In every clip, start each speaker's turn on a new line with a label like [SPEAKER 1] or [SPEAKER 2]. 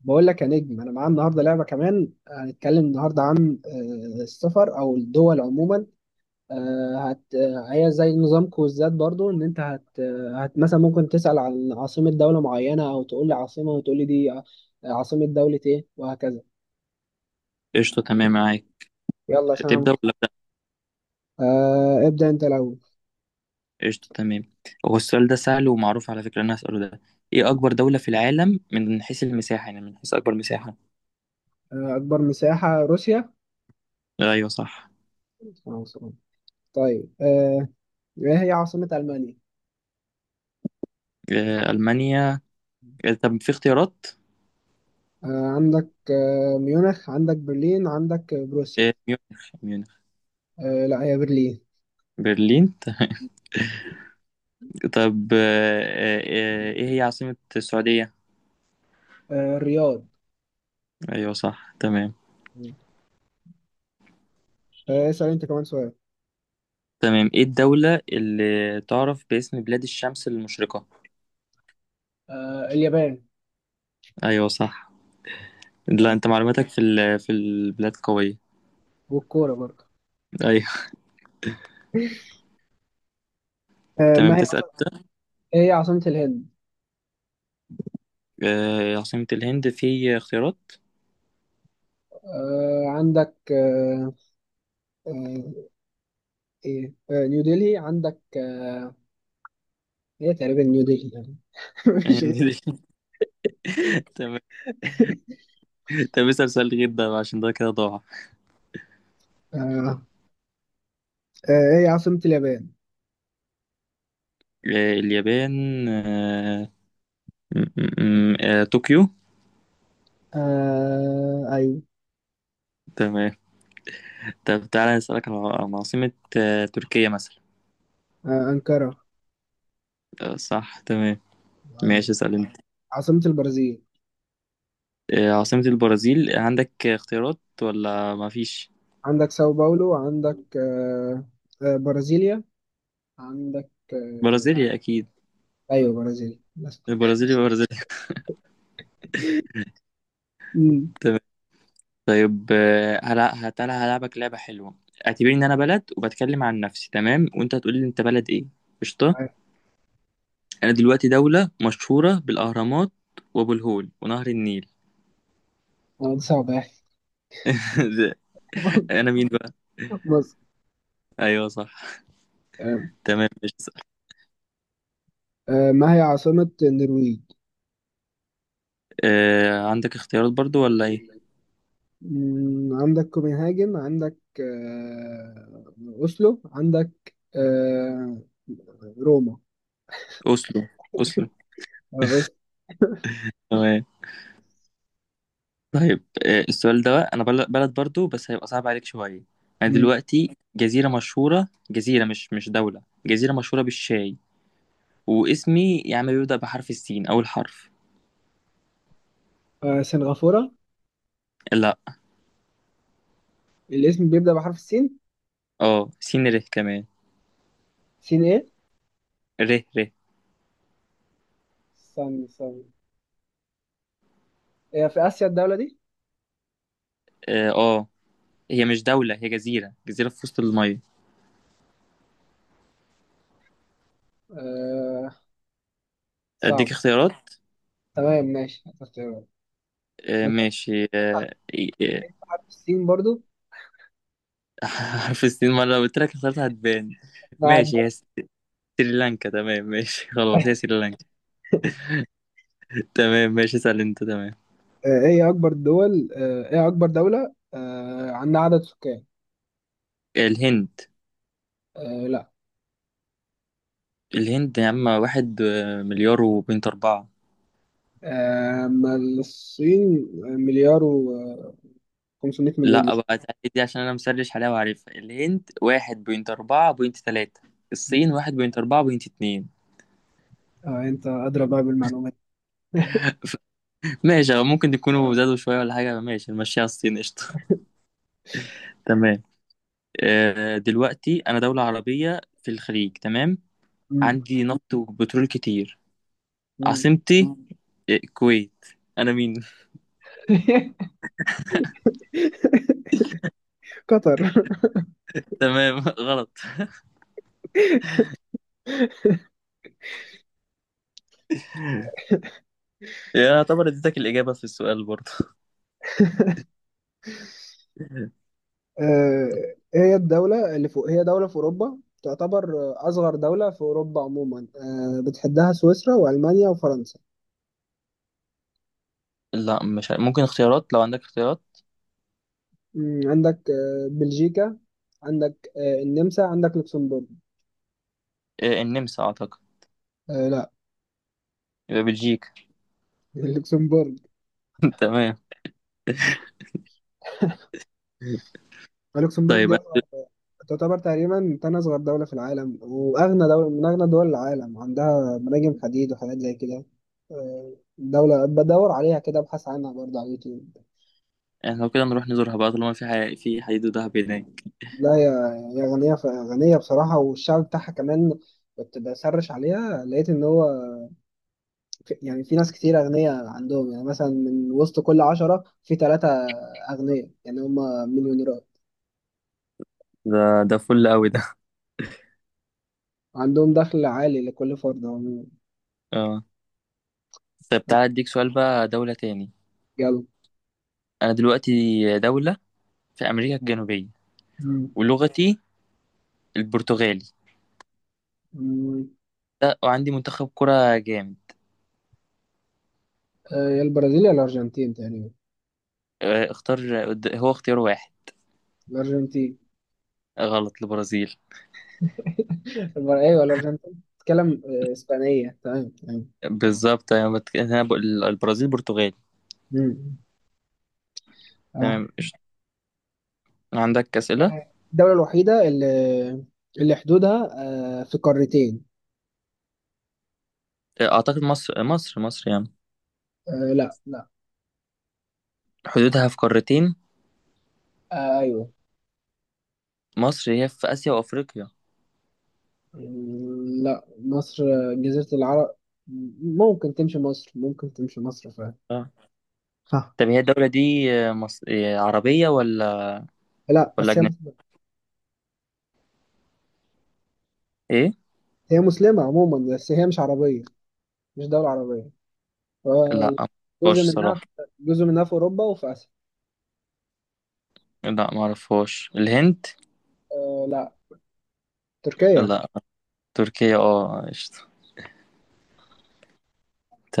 [SPEAKER 1] بقول لك يا نجم انا معايا النهارده لعبه كمان هنتكلم النهارده عن السفر او الدول عموما. آه، هت آه، هي زي نظام كويزات برضو ان انت هت آه، هت مثلا ممكن تسال عن عاصمه دوله معينه او تقول لي عاصمه وتقول لي عاصمه دوله ايه وهكذا.
[SPEAKER 2] قشطة. تمام، معاك.
[SPEAKER 1] يلا عشان
[SPEAKER 2] تبدأ ولا أبدأ؟
[SPEAKER 1] ابدا انت الاول.
[SPEAKER 2] قشطة تمام. هو السؤال ده سهل ومعروف على فكرة، أنا هسأله ده. إيه أكبر دولة في العالم من حيث المساحة؟ يعني من حيث أكبر مساحة.
[SPEAKER 1] اكبر مساحه روسيا.
[SPEAKER 2] أيوه صح.
[SPEAKER 1] آه، طيب آه، ايه هي عاصمه المانيا؟
[SPEAKER 2] ألمانيا. طب في اختيارات؟
[SPEAKER 1] آه، عندك ميونخ، عندك برلين، عندك بروسيا.
[SPEAKER 2] ميونخ.
[SPEAKER 1] لا، هي برلين.
[SPEAKER 2] برلين تمام. طب، إيه هي عاصمة السعودية؟
[SPEAKER 1] الرياض.
[SPEAKER 2] أيوه صح. تمام.
[SPEAKER 1] مم. اسأل انت كمان سؤال.
[SPEAKER 2] تمام، إيه الدولة اللي تعرف باسم بلاد الشمس المشرقة؟
[SPEAKER 1] اليابان.
[SPEAKER 2] أيوه صح. لا،
[SPEAKER 1] بقى.
[SPEAKER 2] أنت معلوماتك في في البلاد قوية.
[SPEAKER 1] والكورة برضه.
[SPEAKER 2] أيوه.
[SPEAKER 1] آه
[SPEAKER 2] تمام،
[SPEAKER 1] ما هي
[SPEAKER 2] تسأل.
[SPEAKER 1] عاصمة إيه هي عاصمة الهند؟
[SPEAKER 2] عاصمة الهند؟ في اختيارات؟
[SPEAKER 1] آه عندك آه آه إيه آه نيو ديلي. عندك آه هي تقريبا نيو ديلي يعني. مش غير.
[SPEAKER 2] تمام. طب اسأل سؤال غير ده بقى، عشان ده كده ضاع.
[SPEAKER 1] آه. آه. ايه عاصمة اليابان؟
[SPEAKER 2] اليابان. طوكيو.
[SPEAKER 1] ايوه.
[SPEAKER 2] تمام. طب تعالى أسألك على، عن عاصمة تركيا مثلا.
[SPEAKER 1] انقرة.
[SPEAKER 2] صح تمام.
[SPEAKER 1] أيوة.
[SPEAKER 2] ماشي، اسأل انت.
[SPEAKER 1] عاصمة البرازيل؟
[SPEAKER 2] عاصمة البرازيل؟ عندك اختيارات ولا مفيش؟
[SPEAKER 1] عندك ساو باولو، عندك آه. آه. برازيليا، عندك آه.
[SPEAKER 2] برازيليا أكيد.
[SPEAKER 1] ايوه برازيليا بس.
[SPEAKER 2] البرازيلي برازيليا.
[SPEAKER 1] امم.
[SPEAKER 2] طيب، هلا هتلا هلعبك لعبة حلوة. اعتبرني ان انا بلد وبتكلم عن نفسي، تمام، وانت هتقول لي انت بلد ايه. قشطة.
[SPEAKER 1] أيوة.
[SPEAKER 2] انا دلوقتي دولة مشهورة بالاهرامات وابو الهول ونهر النيل.
[SPEAKER 1] دي صعبة يعني.
[SPEAKER 2] انا مين بقى؟
[SPEAKER 1] مصر.
[SPEAKER 2] ايوه صح. تمام، مش.
[SPEAKER 1] ما هي عاصمة النرويج؟
[SPEAKER 2] عندك اختيارات برضو ولا ايه؟
[SPEAKER 1] مم، عندك كوبنهاجن، عندك أوسلو، عندك آه، روما.
[SPEAKER 2] اوسلو، اوسلو.
[SPEAKER 1] آه، أوس-
[SPEAKER 2] تمام. طيب، السؤال ده بقى، انا بلد برضو بس هيبقى صعب عليك شوية. انا
[SPEAKER 1] مم.
[SPEAKER 2] دلوقتي جزيرة مشهورة، جزيرة مش دولة، جزيرة مشهورة بالشاي. واسمي يا عم بيبدأ بحرف السين، أول حرف.
[SPEAKER 1] سنغافورة.
[SPEAKER 2] لا.
[SPEAKER 1] الاسم بيبدأ بحرف السين.
[SPEAKER 2] اه، سين ره كمان.
[SPEAKER 1] سين إيه؟
[SPEAKER 2] ره ره.
[SPEAKER 1] استنى استنى. هي في آسيا الدولة دي؟
[SPEAKER 2] اه. آه. هي مش دولة، هي جزيرة، جزيرة في وسط المية.
[SPEAKER 1] آه، صعب.
[SPEAKER 2] أديك اختيارات.
[SPEAKER 1] تمام، ماشي هتختارها انت.
[SPEAKER 2] ماشي.
[SPEAKER 1] بتعرف
[SPEAKER 2] إيه،
[SPEAKER 1] إيه بحرف السين برضو؟
[SPEAKER 2] آه، حرف السين مرة، لو قلت لك اختيارات هتبان.
[SPEAKER 1] بعد.
[SPEAKER 2] ماشي، هي سريلانكا. تمام ماشي. خلاص، هي سريلانكا. تمام ماشي. اسأل أنت. تمام.
[SPEAKER 1] ايه اكبر دولة عندها عدد سكان؟
[SPEAKER 2] الهند.
[SPEAKER 1] لا.
[SPEAKER 2] الهند يا عم، واحد مليار وبنت أربعة.
[SPEAKER 1] ما الصين مليار و 500 مليون
[SPEAKER 2] لا
[SPEAKER 1] دولار.
[SPEAKER 2] بقى، تعالي دي عشان انا مسرش عليها وعارفها. الهند واحد بوينت اربعة بوينت تلاتة، الصين
[SPEAKER 1] مم.
[SPEAKER 2] واحد بوينت اربعة بوينت اتنين.
[SPEAKER 1] اه انت ادرى بقى بالمعلومات.
[SPEAKER 2] ماشي، أو ممكن تكونوا زادوا شوية ولا حاجة. ماشي نمشيها، الصين قشطة. تمام. دلوقتي انا دولة عربية في الخليج، تمام.
[SPEAKER 1] مم.
[SPEAKER 2] عندي نفط وبترول كتير.
[SPEAKER 1] مم.
[SPEAKER 2] عاصمتي الكويت. انا مين؟
[SPEAKER 1] قطر.
[SPEAKER 2] تمام. غلط. يعتبر اديتك الإجابة في السؤال برضه.
[SPEAKER 1] آه، هي الدولة اللي فوق، هي دولة في أوروبا، تعتبر أصغر دولة في أوروبا عموما، بتحدها سويسرا وألمانيا وفرنسا.
[SPEAKER 2] لا، مش ممكن اختيارات؟ لو عندك اختيارات.
[SPEAKER 1] مم، عندك بلجيكا، عندك النمسا، عندك لوكسمبورغ.
[SPEAKER 2] النمسا اعتقد.
[SPEAKER 1] لا.
[SPEAKER 2] يبقى بلجيكا.
[SPEAKER 1] اللوكسمبورغ.
[SPEAKER 2] تمام.
[SPEAKER 1] لوكسمبورغ
[SPEAKER 2] طيب
[SPEAKER 1] دي
[SPEAKER 2] أنا-
[SPEAKER 1] تعتبر تقريبا تاني أصغر دولة في العالم، وأغنى دولة من أغنى دول العالم، عندها مناجم حديد وحاجات زي كده. دولة بدور عليها كده، أبحث عنها برضه على اليوتيوب.
[SPEAKER 2] احنا لو كده نروح نزورها بقى، طالما في حديد ودهب هناك.
[SPEAKER 1] لا هي، هي غنية غنية بصراحة، والشعب بتاعها كمان. كنت بسرش عليها لقيت إن هو يعني في ناس كتير أغنياء عندهم، يعني مثلا من وسط كل 10 في 3 أغنياء، يعني هما مليونيرات.
[SPEAKER 2] ده ده فل قوي ده.
[SPEAKER 1] عندهم دخل عالي لكل فرد عموما.
[SPEAKER 2] اه. طب تعالى اديك سؤال بقى، دولة تاني.
[SPEAKER 1] يلا.
[SPEAKER 2] انا دلوقتي دولة في امريكا الجنوبية، ولغتي البرتغالي
[SPEAKER 1] مم.
[SPEAKER 2] ده، وعندي منتخب كرة جامد.
[SPEAKER 1] يا البرازيل يا الأرجنتين تقريبا.
[SPEAKER 2] اختار، هو اختيار واحد.
[SPEAKER 1] الأرجنتين.
[SPEAKER 2] غلط، البرازيل.
[SPEAKER 1] أيوه الأرجنتين بتتكلم إسبانية. تمام تمام.
[SPEAKER 2] بالظبط، أنا بقول البرازيل برتغالي.
[SPEAKER 1] مم. آه.
[SPEAKER 2] تمام قشطة. عندك أسئلة؟
[SPEAKER 1] الدولة الوحيدة اللي حدودها في قارتين.
[SPEAKER 2] اعتقد مصر، مصر، مصر يعني.
[SPEAKER 1] لا لا.
[SPEAKER 2] حدودها في قارتين.
[SPEAKER 1] أيوه.
[SPEAKER 2] مصر هي في اسيا وافريقيا.
[SPEAKER 1] مم، لا مصر. جزيرة العرب. ممكن تمشي مصر، ممكن تمشي مصر فعلا. صح.
[SPEAKER 2] طب هي الدولة دي آه، مص... إيه، عربية ولا
[SPEAKER 1] لا
[SPEAKER 2] ولا
[SPEAKER 1] بس هي
[SPEAKER 2] أجنبية؟
[SPEAKER 1] مسلمة.
[SPEAKER 2] إيه؟
[SPEAKER 1] هي مسلمة عموما بس هي مش عربية، مش دولة عربية.
[SPEAKER 2] لا
[SPEAKER 1] آه، جزء
[SPEAKER 2] معرفهاش
[SPEAKER 1] منها،
[SPEAKER 2] صراحة.
[SPEAKER 1] جزء منها في أوروبا وفي آسيا.
[SPEAKER 2] لا معرفهاش. الهند؟
[SPEAKER 1] لا. تركيا.
[SPEAKER 2] لا. تركيا اه قشطة.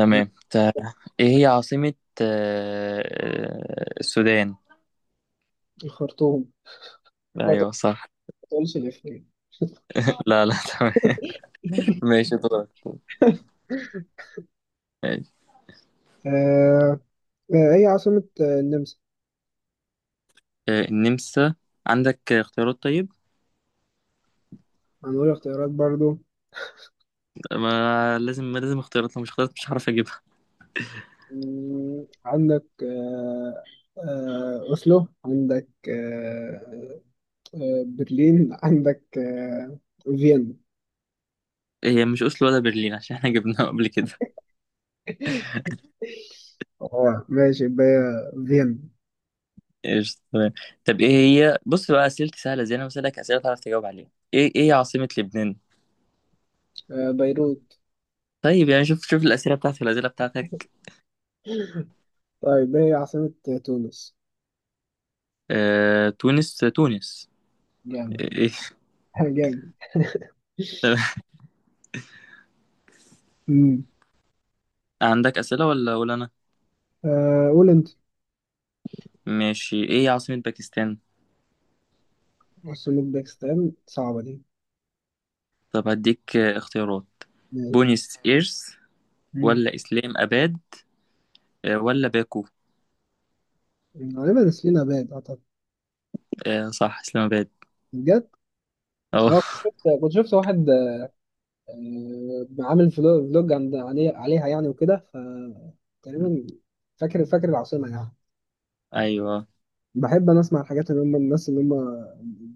[SPEAKER 1] آه،
[SPEAKER 2] طب، إيه هي عاصمة السودان؟
[SPEAKER 1] الخرطوم. ما
[SPEAKER 2] أيوه صح.
[SPEAKER 1] تقولش الإفيه.
[SPEAKER 2] لا، لا، تمام. ماشي دورك. ماشي.
[SPEAKER 1] آه. هي عاصمة النمسا؟
[SPEAKER 2] النمسا. عندك اختيارات طيب؟
[SPEAKER 1] هنقول اختيارات برضو.
[SPEAKER 2] ما لازم اختيارات، لو مش اختيارات مش هعرف أجيبها.
[SPEAKER 1] مم، عندك أوسلو، عندك برلين، عندك فيينا.
[SPEAKER 2] هي مش أوسلو ولا برلين، عشان احنا جبناها قبل كده.
[SPEAKER 1] اه ماشي، يبقى هي فيينا.
[SPEAKER 2] ايش، تمام. طب ايه. هي بص بقى، اسئلتي سهله، زي انا بسالك اسئله تعرف تجاوب عليها. ايه، عاصمه لبنان؟
[SPEAKER 1] بيروت.
[SPEAKER 2] طيب يعني شوف شوف الاسئله بتاعتي والاسئله بتاعتك.
[SPEAKER 1] طيب، هي عاصمة تونس؟
[SPEAKER 2] تونس، تونس.
[SPEAKER 1] جامد.
[SPEAKER 2] إيه. إيه.
[SPEAKER 1] جامد. مم.
[SPEAKER 2] عندك اسئله ولا انا؟
[SPEAKER 1] قول أنت.
[SPEAKER 2] ماشي، ايه عاصمه باكستان؟
[SPEAKER 1] عاصمة باكستان صعبة دي.
[SPEAKER 2] طب هديك اختيارات. بونيس ايرس،
[SPEAKER 1] ماشي.
[SPEAKER 2] ولا اسلام اباد، ولا باكو.
[SPEAKER 1] غالبا سينا باد اعتقد.
[SPEAKER 2] صح، اسلام اباد.
[SPEAKER 1] بجد.
[SPEAKER 2] اه.
[SPEAKER 1] اه. كنت شفت، كنت شفت واحد عامل فلوج عن عليه عليها يعني وكده ف تقريبا فاكر العاصمه يعني.
[SPEAKER 2] ايوه
[SPEAKER 1] بحب انا اسمع الحاجات اللي هم الناس اللي هم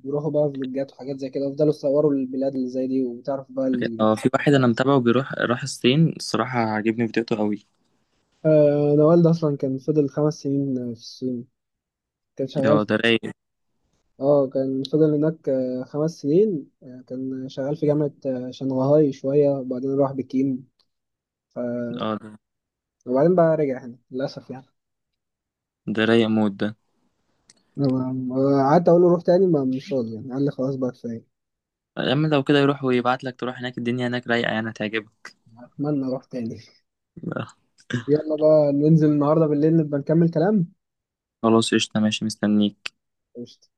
[SPEAKER 1] بيروحوا بقى فلوجات وحاجات زي كده ويفضلوا يصوروا البلاد اللي زي دي وبتعرف بقى ال...
[SPEAKER 2] اه، في واحد انا متابعه راح الصين، الصراحه عاجبني فيديوهاته قوي.
[SPEAKER 1] انا والدي اصلا كان فضل 5 سنين في الصين، كان شغال
[SPEAKER 2] اه،
[SPEAKER 1] في...
[SPEAKER 2] ده رايق.
[SPEAKER 1] اه كان فضل هناك 5 سنين، كان شغال في جامعه شنغهاي شويه وبعدين راح بكين،
[SPEAKER 2] اه،
[SPEAKER 1] وبعدين بقى رجع هنا للأسف يعني.
[SPEAKER 2] ده رايق موت ده.
[SPEAKER 1] قعدت أقول له روح تاني، ما مش راضي يعني، قال لي خلاص بقى كفاية.
[SPEAKER 2] يا عم، لو كده يروح ويبعت لك تروح هناك، الدنيا هناك رايقة يعني هتعجبك.
[SPEAKER 1] أتمنى أروح تاني. يلا بقى، ننزل النهاردة بالليل نبقى نكمل كلام.
[SPEAKER 2] خلاص قشطة ماشي، مستنيك.
[SPEAKER 1] قشطة.